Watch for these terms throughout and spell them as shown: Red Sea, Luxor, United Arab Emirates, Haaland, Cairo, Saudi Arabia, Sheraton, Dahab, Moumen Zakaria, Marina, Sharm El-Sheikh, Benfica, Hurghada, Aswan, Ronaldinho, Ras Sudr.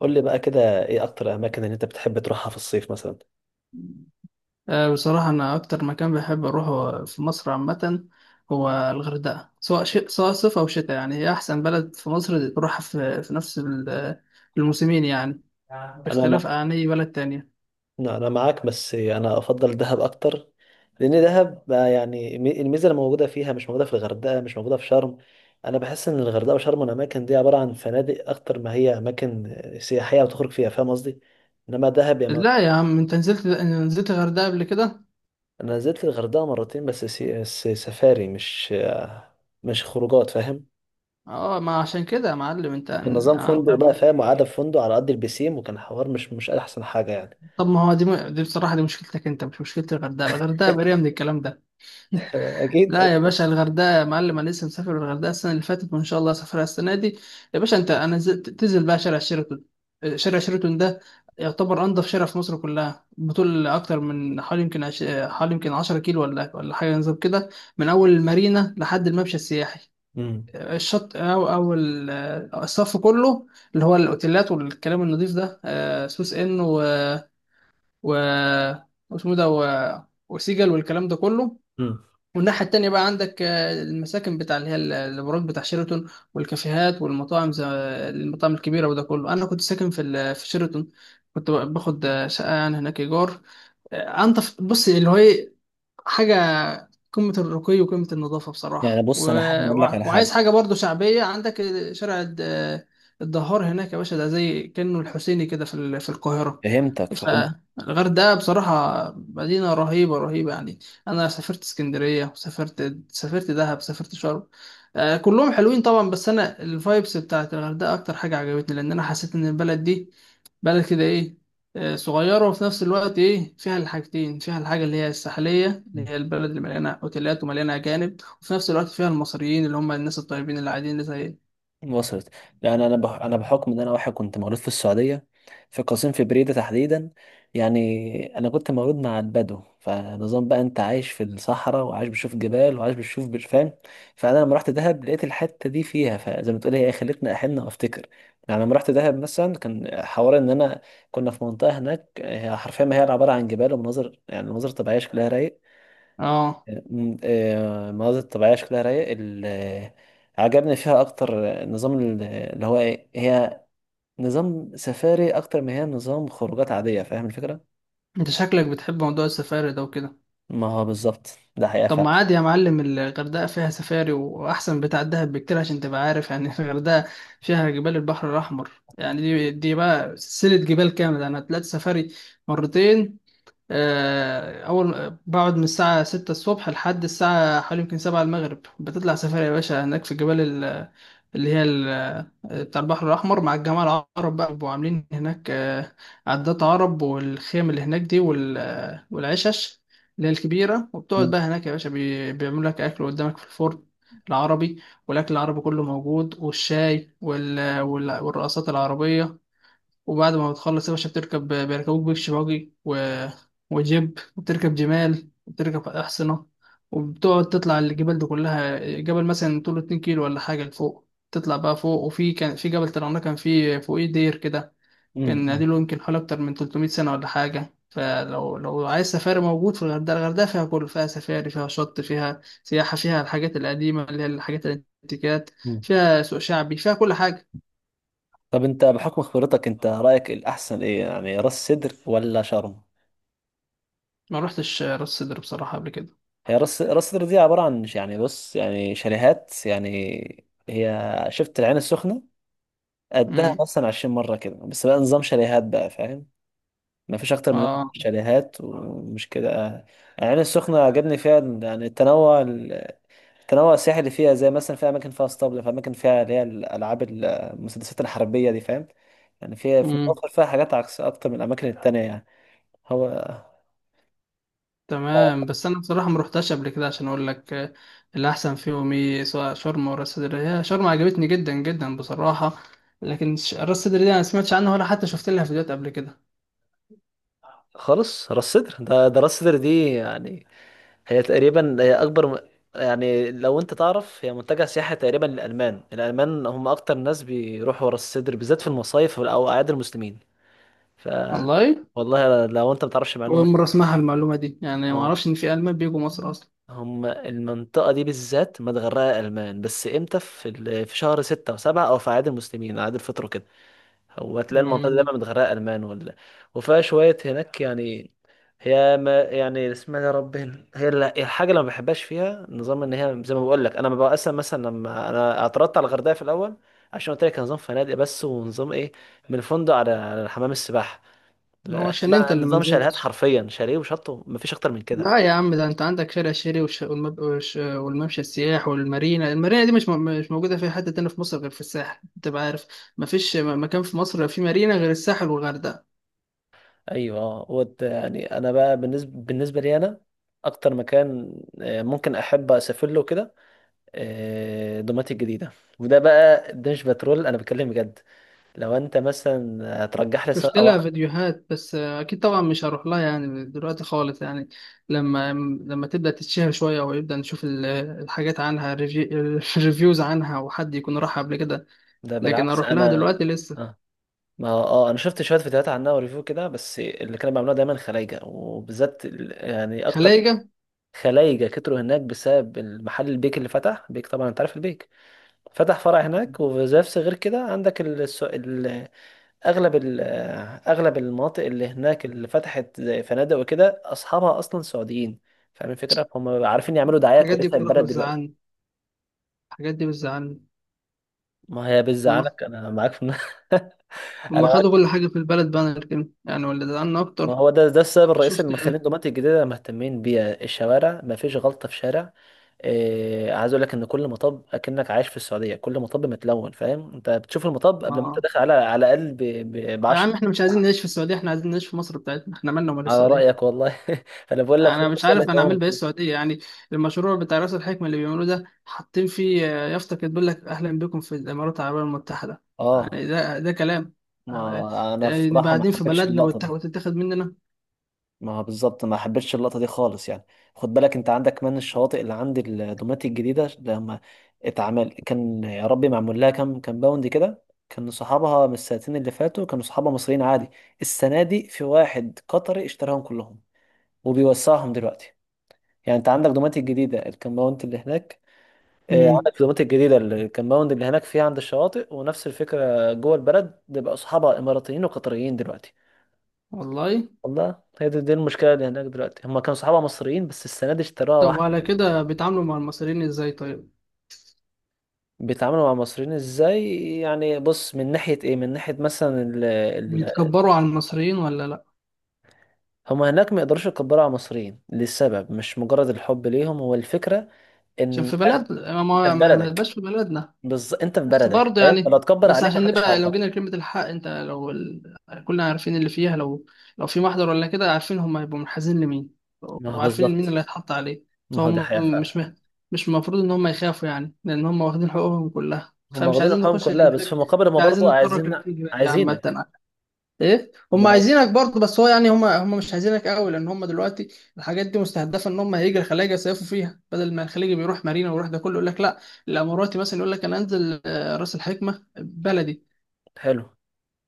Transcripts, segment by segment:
قول لي بقى كده، ايه اكتر اماكن اللي انت بتحب تروحها في الصيف مثلا؟ بصراحة، أنا أكتر مكان بحب أروحه في مصر عامة هو الغردقة، سواء شيء سواء صيف أو شتاء، يعني هي أحسن بلد في مصر تروحها في نفس الموسمين، يعني، انا مع... باختلاف عن أي بلد تانية. لا، انا معاك، بس انا افضل دهب اكتر. لان دهب بقى يعني الميزه اللي موجوده فيها مش موجوده في الغردقه، مش موجوده في شرم. انا بحس ان الغردقه وشرم الاماكن دي عباره عن فنادق اكتر ما هي اماكن سياحيه وتخرج فيها، فاهم قصدي؟ انما دهب يا مر... لا يا عم، أنت نزلت الغردقة قبل كده؟ انا نزلت الغردقه مرتين بس سفاري، مش خروجات، فاهم؟ أه، ما عشان كده يا معلم، أنت كان نظام أنت فندق بقى فاهم، وقعدة في فندق على قد البسيم، وكان حوار مش احسن حاجه يعني. طب ما هو دي بصراحة، دي مشكلتك أنت، مش مشكلة الغردقة. الغردقة بريئة من الكلام ده. اكيد. لا يا باشا الغردقه، يا معلم انا لسه مسافر الغردقه السنه اللي فاتت، وان شاء الله اسافرها السنه دي. يا باشا، انت تنزل بقى شارع شيراتون. شارع شيراتون ده يعتبر انضف شارع في مصر كلها، بطول اكتر من حوالي يمكن 10 كيلو ولا حاجه، نظام كده، من اول المارينا لحد الممشى السياحي، امم. الشط الصف كله، اللي هو الاوتيلات والكلام النظيف ده، سوس ان و واسمه ده وسيجل والكلام ده كله. امم. والناحية التانية بقى عندك المساكن بتاع، اللي هي البراج بتاع شيراتون، والكافيهات والمطاعم، زي المطاعم الكبيرة. وده كله أنا كنت ساكن في في شيراتون، كنت باخد شقة يعني هناك إيجار. أنت، بص اللي هو إيه، حاجة قمة الرقي وقمة النظافة يعني بصراحة. بص انا حابب اقول لك على وعايز حاجه. حاجة برضو شعبية عندك، شارع الدهار هناك يا باشا، ده زي كأنه الحسيني كده في القاهرة. فهمتك، فهمت. فالغردقة بصراحة مدينة رهيبة رهيبة يعني. أنا سافرت اسكندرية، وسافرت دهب، سافرت شرم. كلهم حلوين طبعا، بس أنا الفايبس بتاعت الغردقة أكتر حاجة عجبتني، لأن أنا حسيت إن البلد دي بلد كده ايه، صغيرة، وفي نفس الوقت ايه فيها الحاجتين، فيها الحاجة اللي هي الساحلية، اللي هي البلد اللي مليانة اوتيلات ومليانة أجانب، وفي نفس الوقت فيها المصريين، اللي هم الناس الطيبين اللي قاعدين اللي زي إيه. وصلت. لان انا بحكم ان انا واحد كنت مولود في السعوديه، في قصيم، في بريده تحديدا. يعني انا كنت مولود مع البدو، فنظام بقى انت عايش في الصحراء، وعايش بتشوف جبال، وعايش فاهم. فانا لما رحت دهب لقيت الحته دي فيها، فزي ما تقول هي خلتني احن وافتكر. يعني لما رحت دهب مثلا كان حوار ان انا كنا في منطقه هناك، هي حرفيا ما هي عباره عن جبال ومناظر، يعني مناظر طبيعيه شكلها رايق. اه. المناظر الطبيعية شكلها رايق. عجبني فيها أكتر نظام ال- آه، اللي هو إيه هي نظام سفاري أكتر ما هي نظام خروجات عادية، فاهم الفكرة؟ انت شكلك بتحب موضوع السفاري ده وكده. ما هو بالظبط ده حقيقة طب فعلا. ما عادي يا معلم، الغردقة فيها سفاري وأحسن بتاع الدهب بكتير، عشان تبقى عارف يعني. الغردقة فيها جبال البحر الأحمر، يعني دي بقى سلسلة جبال كاملة، يعني هتلاقي سفاري مرتين. أول بقعد من الساعة 6 الصبح لحد الساعة حوالي يمكن 7 المغرب، بتطلع سفاري يا باشا هناك في الجبال اللي هي ال- بتاع البحر الأحمر، مع الجماعة العرب، بقى بيبقوا عاملين هناك عدات عرب، والخيم اللي هناك دي، والعشش اللي هي الكبيرة. وبتقعد م- بقى هناك يا باشا، بيعملوا لك أكل قدامك في الفرن العربي، والأكل العربي كله موجود، والشاي والرقصات العربية. وبعد ما بتخلص يا باشا بتركب، بيركبوك بيكش باجي وجيب، وبتركب جمال، وبتركب أحصنة، وبتقعد تطلع الجبال دي كلها. جبل مثلا طوله 2 كيلو ولا حاجة لفوق، تطلع بقى فوق. كان في جبل طلعناه، كان فيه فوقيه دير كده، م- كان م- قديم له يمكن حوالي أكتر من 300 سنة ولا حاجة. فلو عايز سفاري، موجود في الغردقة. الغردقة فيها كل، فيها سفاري، فيها شط، فيها سياحة، فيها الحاجات القديمة اللي هي الحاجات الانتيكات، م. فيها سوق شعبي، فيها كل حاجة. طب أنت بحكم خبرتك أنت رأيك الأحسن إيه، يعني راس سدر ولا شرم؟ ما روحتش راس سدر بصراحة قبل هي راس سدر دي عبارة عن يعني بص يعني شاليهات يعني. هي شفت العين السخنة، قدها كده. مثلا 20 مرة كده، بس بقى نظام شاليهات بقى فاهم؟ ما فيش اكتر من اه. شاليهات ومش كده العين السخنه عجبني فيها يعني التنوع، التنوع السياحي اللي فيها، زي مثلا في اماكن فيها اسطبل، في اماكن فيها اللي هي الالعاب المسدسات الحربيه دي، فاهم؟ يعني فيها في امم. مصر فيها حاجات عكس اكتر من الاماكن التانية يعني. هو آه، تمام، بس انا بصراحه ما روحتش قبل كده، عشان اقول لك الاحسن فيهم ايه، سواء شرم ولا راس سدر. هي شرم عجبتني جدا جدا بصراحه، لكن راس سدر دي انا ما سمعتش عنها ولا حتى شفت لها فيديوهات قبل كده. خالص. راس سدر ده راس سدر دي يعني هي تقريبا هي يعني لو انت تعرف هي منتجع سياحي تقريبا للالمان، الالمان هم اكتر ناس بيروحوا راس سدر بالذات في المصايف او اعياد المسلمين. ف والله والله لو انت ما تعرفش اول معلومه. مره اسمعها المعلومه دي، يعني ما هو اعرفش ان في المان بيجوا مصر اصلا. هم المنطقه دي بالذات متغرقه المان، بس امتى؟ في في شهر ستة وسبعة، او في اعياد المسلمين اعياد الفطر كده. هو تلاقي المنطقه دي دايما امم. متغرقه المان ولا وفيها شويه هناك يعني. هي ما يعني اسمها يا رب هنا. هي الحاجه اللي ما بحبهاش فيها نظام ان هي زي ما بقول لك، انا ببقى اصلا مثلا لما انا اعترضت على الغردقه في الاول عشان قلت لك كان نظام فنادق بس، ونظام ايه، من الفندق على على حمام السباحه، هو عشان انت بقى اللي ما نظام شاليهات نزلتش. حرفيا، شاليه وشط مفيش اكتر من كده، لا فاهم؟ يا عم، ده انت عندك شارع شيري والممشى السياح والمارينا. المارينا دي مش موجوده في حته تانية في مصر غير في الساحل، انت بقى عارف. مفيش مكان في مصر في مارينا غير الساحل والغردقه. ايوه اه يعني انا بقى، بالنسبه لي انا، اكتر مكان ممكن احب اسافر له كده دوماتي الجديده. وده بقى ده مش بترول انا بتكلم بجد. لو انت مثلا هترجح لي شفت سواق او لها فيديوهات، بس اكيد طبعا مش هروح لها يعني دلوقتي خالص، يعني لما لما تبدا تتشهر شويه ويبدا نشوف الحاجات عنها، الريفيوز عنها، وحد يكون راح قبل كده، ده لكن بالعكس اروح لها انا دلوقتي لسه. اه. ما اه انا شفت شويه فيديوهات عنها وريفيو كده، بس اللي كانوا بيعملوها دايما خلايجه، وبالذات يعني اكتر خلايجه. خلايجه كتروا هناك بسبب المحل البيك اللي فتح، بيك طبعا انت عارف البيك، فتح فرع هناك، وفي نفس غير كده عندك ال... الس- ال... اغلب ال... اغلب المناطق اللي هناك اللي فتحت زي فنادق وكده اصحابها اصلا سعوديين، فاهم الفكره؟ هم عارفين يعملوا دعايه الحاجات دي كويسه بتروح للبلد دلوقتي. بتزعلني، الحاجات دي بتزعلني. ما هي بتزعلك، انا معاك هما انا معاك. خدوا كل حاجة في البلد بانر كده يعني، واللي زعلنا ما أكتر هو ده ده السبب لما الرئيسي شفت. اللي مخلين الدومات الجديده مهتمين بيها، الشوارع ما فيش غلطه في شارع. إيه عايز اقول لك ان كل مطب اكنك عايش في السعوديه، كل مطب متلون، فاهم؟ انت بتشوف المطب قبل ما انت آه داخل على على الاقل ب يا عم، 10. إحنا مش عايزين نعيش في السعودية، إحنا عايزين نعيش في مصر بتاعتنا، إحنا مالنا ومال على السعودية. رأيك والله. انا بقول لك أنا هو مش مسألة عارف أنا أعمل بإيه عمر. السعودية يعني. المشروع بتاع رأس الحكمة اللي بيعملوه ده، حاطين فيه يافطة كده بيقول لك أهلا بكم في الإمارات العربية المتحدة. اه يعني ده كلام. آه، ما انا نبقى بصراحة ما قاعدين في حبيتش بلدنا اللقطة دي. وتتاخد مننا. ما بالظبط ما حبيتش اللقطة دي خالص يعني. خد بالك انت عندك كمان الشواطئ اللي عند الدومات الجديدة، لما اتعمل كان يا ربي معمول لها كام باوند كده. كان صحابها من السنتين اللي فاتوا كانوا صحابها مصريين عادي، السنة دي في واحد قطري اشتراهم كلهم وبيوسعهم دلوقتي. يعني انت عندك دوماتي الجديدة الكامباوند اللي هناك، مم. عندك في دومات الجديدة الكمباوند اللي هناك فيها عند الشواطئ، ونفس الفكرة جوه البلد بيبقى أصحابها إماراتيين وقطريين دلوقتي. والله. والله هي دي المشكلة اللي هناك دلوقتي، هما كانوا صحابها مصريين بس السنة دي اشتروها طب، واحد. وعلى كده بيتعاملوا مع المصريين إزاي طيب؟ بيتعاملوا مع المصريين ازاي يعني؟ بص من ناحية ايه، من ناحية مثلا ال بيتكبروا على المصريين ولا لأ؟ هما هناك ما يقدروش يكبروا على المصريين لسبب مش مجرد الحب ليهم، هو الفكرة عشان ان في انت بلدنا، في ما تبقاش بلدك. في بلدنا. بالظبط انت في بس بلدك، برضه أيوة، يعني، فلو تكبر بس عليك عشان محدش نبقى لو هيعبرك. جينا لكلمة الحق، كلنا عارفين اللي فيها، لو في محضر ولا كده، عارفين هم هيبقوا منحازين لمين، ما هو وعارفين مين بالظبط. اللي هيتحط عليه. ما هو ده فهم حقيقة فعلا. مش المفروض ان هم يخافوا، يعني لان هم واخدين حقوقهم كلها، هم فمش واخدين عايزين الحقوق نخش كلها بس في للفك، مقابل مش هم برضو عايزين نتطرق عايزين للفكرة دي عامة. عايزينك. ايه، هم هم عايزينك برضه، بس هو يعني هم مش عايزينك قوي، لان هم دلوقتي الحاجات دي مستهدفه ان هم هيجي الخلايجه يصيفوا فيها، بدل ما الخليجي بيروح مارينا ويروح ده كله، يقول لك لا، الاماراتي مثلا يقول لك انا انزل راس الحكمه بلدي. حلو.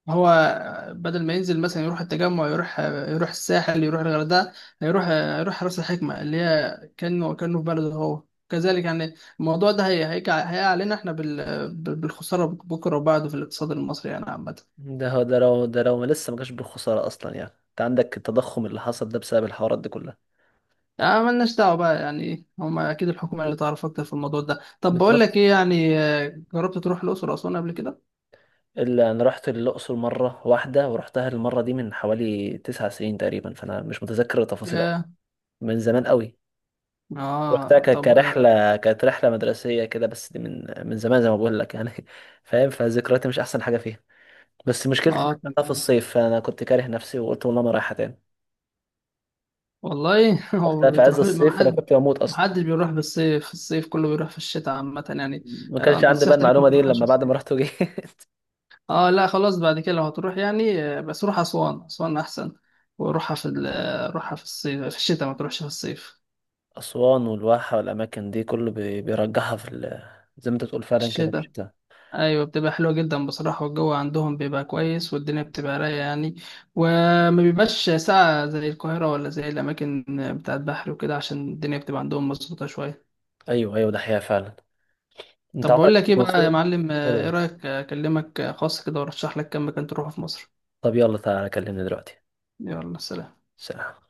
هو بدل ما ينزل مثلا يروح التجمع، يروح الساحل، يروح الغردقه، هيروح آه، يروح راس الحكمه، اللي هي كانه في بلده هو كذلك يعني. الموضوع ده هيقع علينا احنا بالخساره، بكره وبعده، في الاقتصاد المصري يعني عامه. ده هو ده لو ده لو ما لسه ما جاش بالخسارة أصلا، يعني أنت عندك التضخم اللي حصل ده بسبب الحوارات دي كلها. ملناش دعوة بقى يعني، هما أكيد الحكومة اللي تعرف أكتر في الموضوع ده. طب بقول لك بالظبط. إيه يعني، جربت تروح الأقصر وأسوان قبل كده؟ اللي أنا رحت الأقصر مرة واحدة، ورحتها المرة دي من حوالي تسع سنين تقريبا، فأنا مش متذكر التفاصيل أوي، ياه. من زمان قوي. رحتها طب. كرحلة، كانت رحلة مدرسية كده، بس دي من زمان زي ما بقول لك يعني فاهم، فذكرياتي مش أحسن حاجة فيها. بس مشكلتي إنها في تمام. الصيف، فأنا كنت كاره نفسي وقلت والله ما رايحة تاني. والله هو رحتها ما في عز بتروحوش، ما الصيف انا حد كنت بموت ما اصلا. حدش بيروح بالصيف، الصيف كله بيروح في الشتاء عامة يعني. ما كانش عندي بقى نصيحتي ليك ما المعلومه دي إلا تروحش في لما بعد الصيف. ما رحت وجيت. آه لا، خلاص بعد كده لو هتروح يعني بس روح أسوان. أسوان أحسن. وروحها في روحها في الصيف في الشتاء، ما تروحش في الصيف. اسوان والواحه والاماكن دي كله بيرجحها في زي ما انت بتقول فعلا كده في الشتاء، الشتاء. ايوه، بتبقى حلوه جدا بصراحه، والجو عندهم بيبقى كويس، والدنيا بتبقى رايقه يعني، وما بيبقاش ساقعه زي القاهره ولا زي الاماكن بتاعه بحر وكده، عشان الدنيا بتبقى عندهم مظبوطه شويه. ايوه ايوه ده حقيقه فعلا. انت طب عمرك بقول لك ايه كنت بقى يا منصوره؟ معلم، ايه رايك اكلمك خاص كده وارشح لك كام مكان تروحه في مصر. طب يلا تعالى كلمني دلوقتي. يلا، سلام. سلام.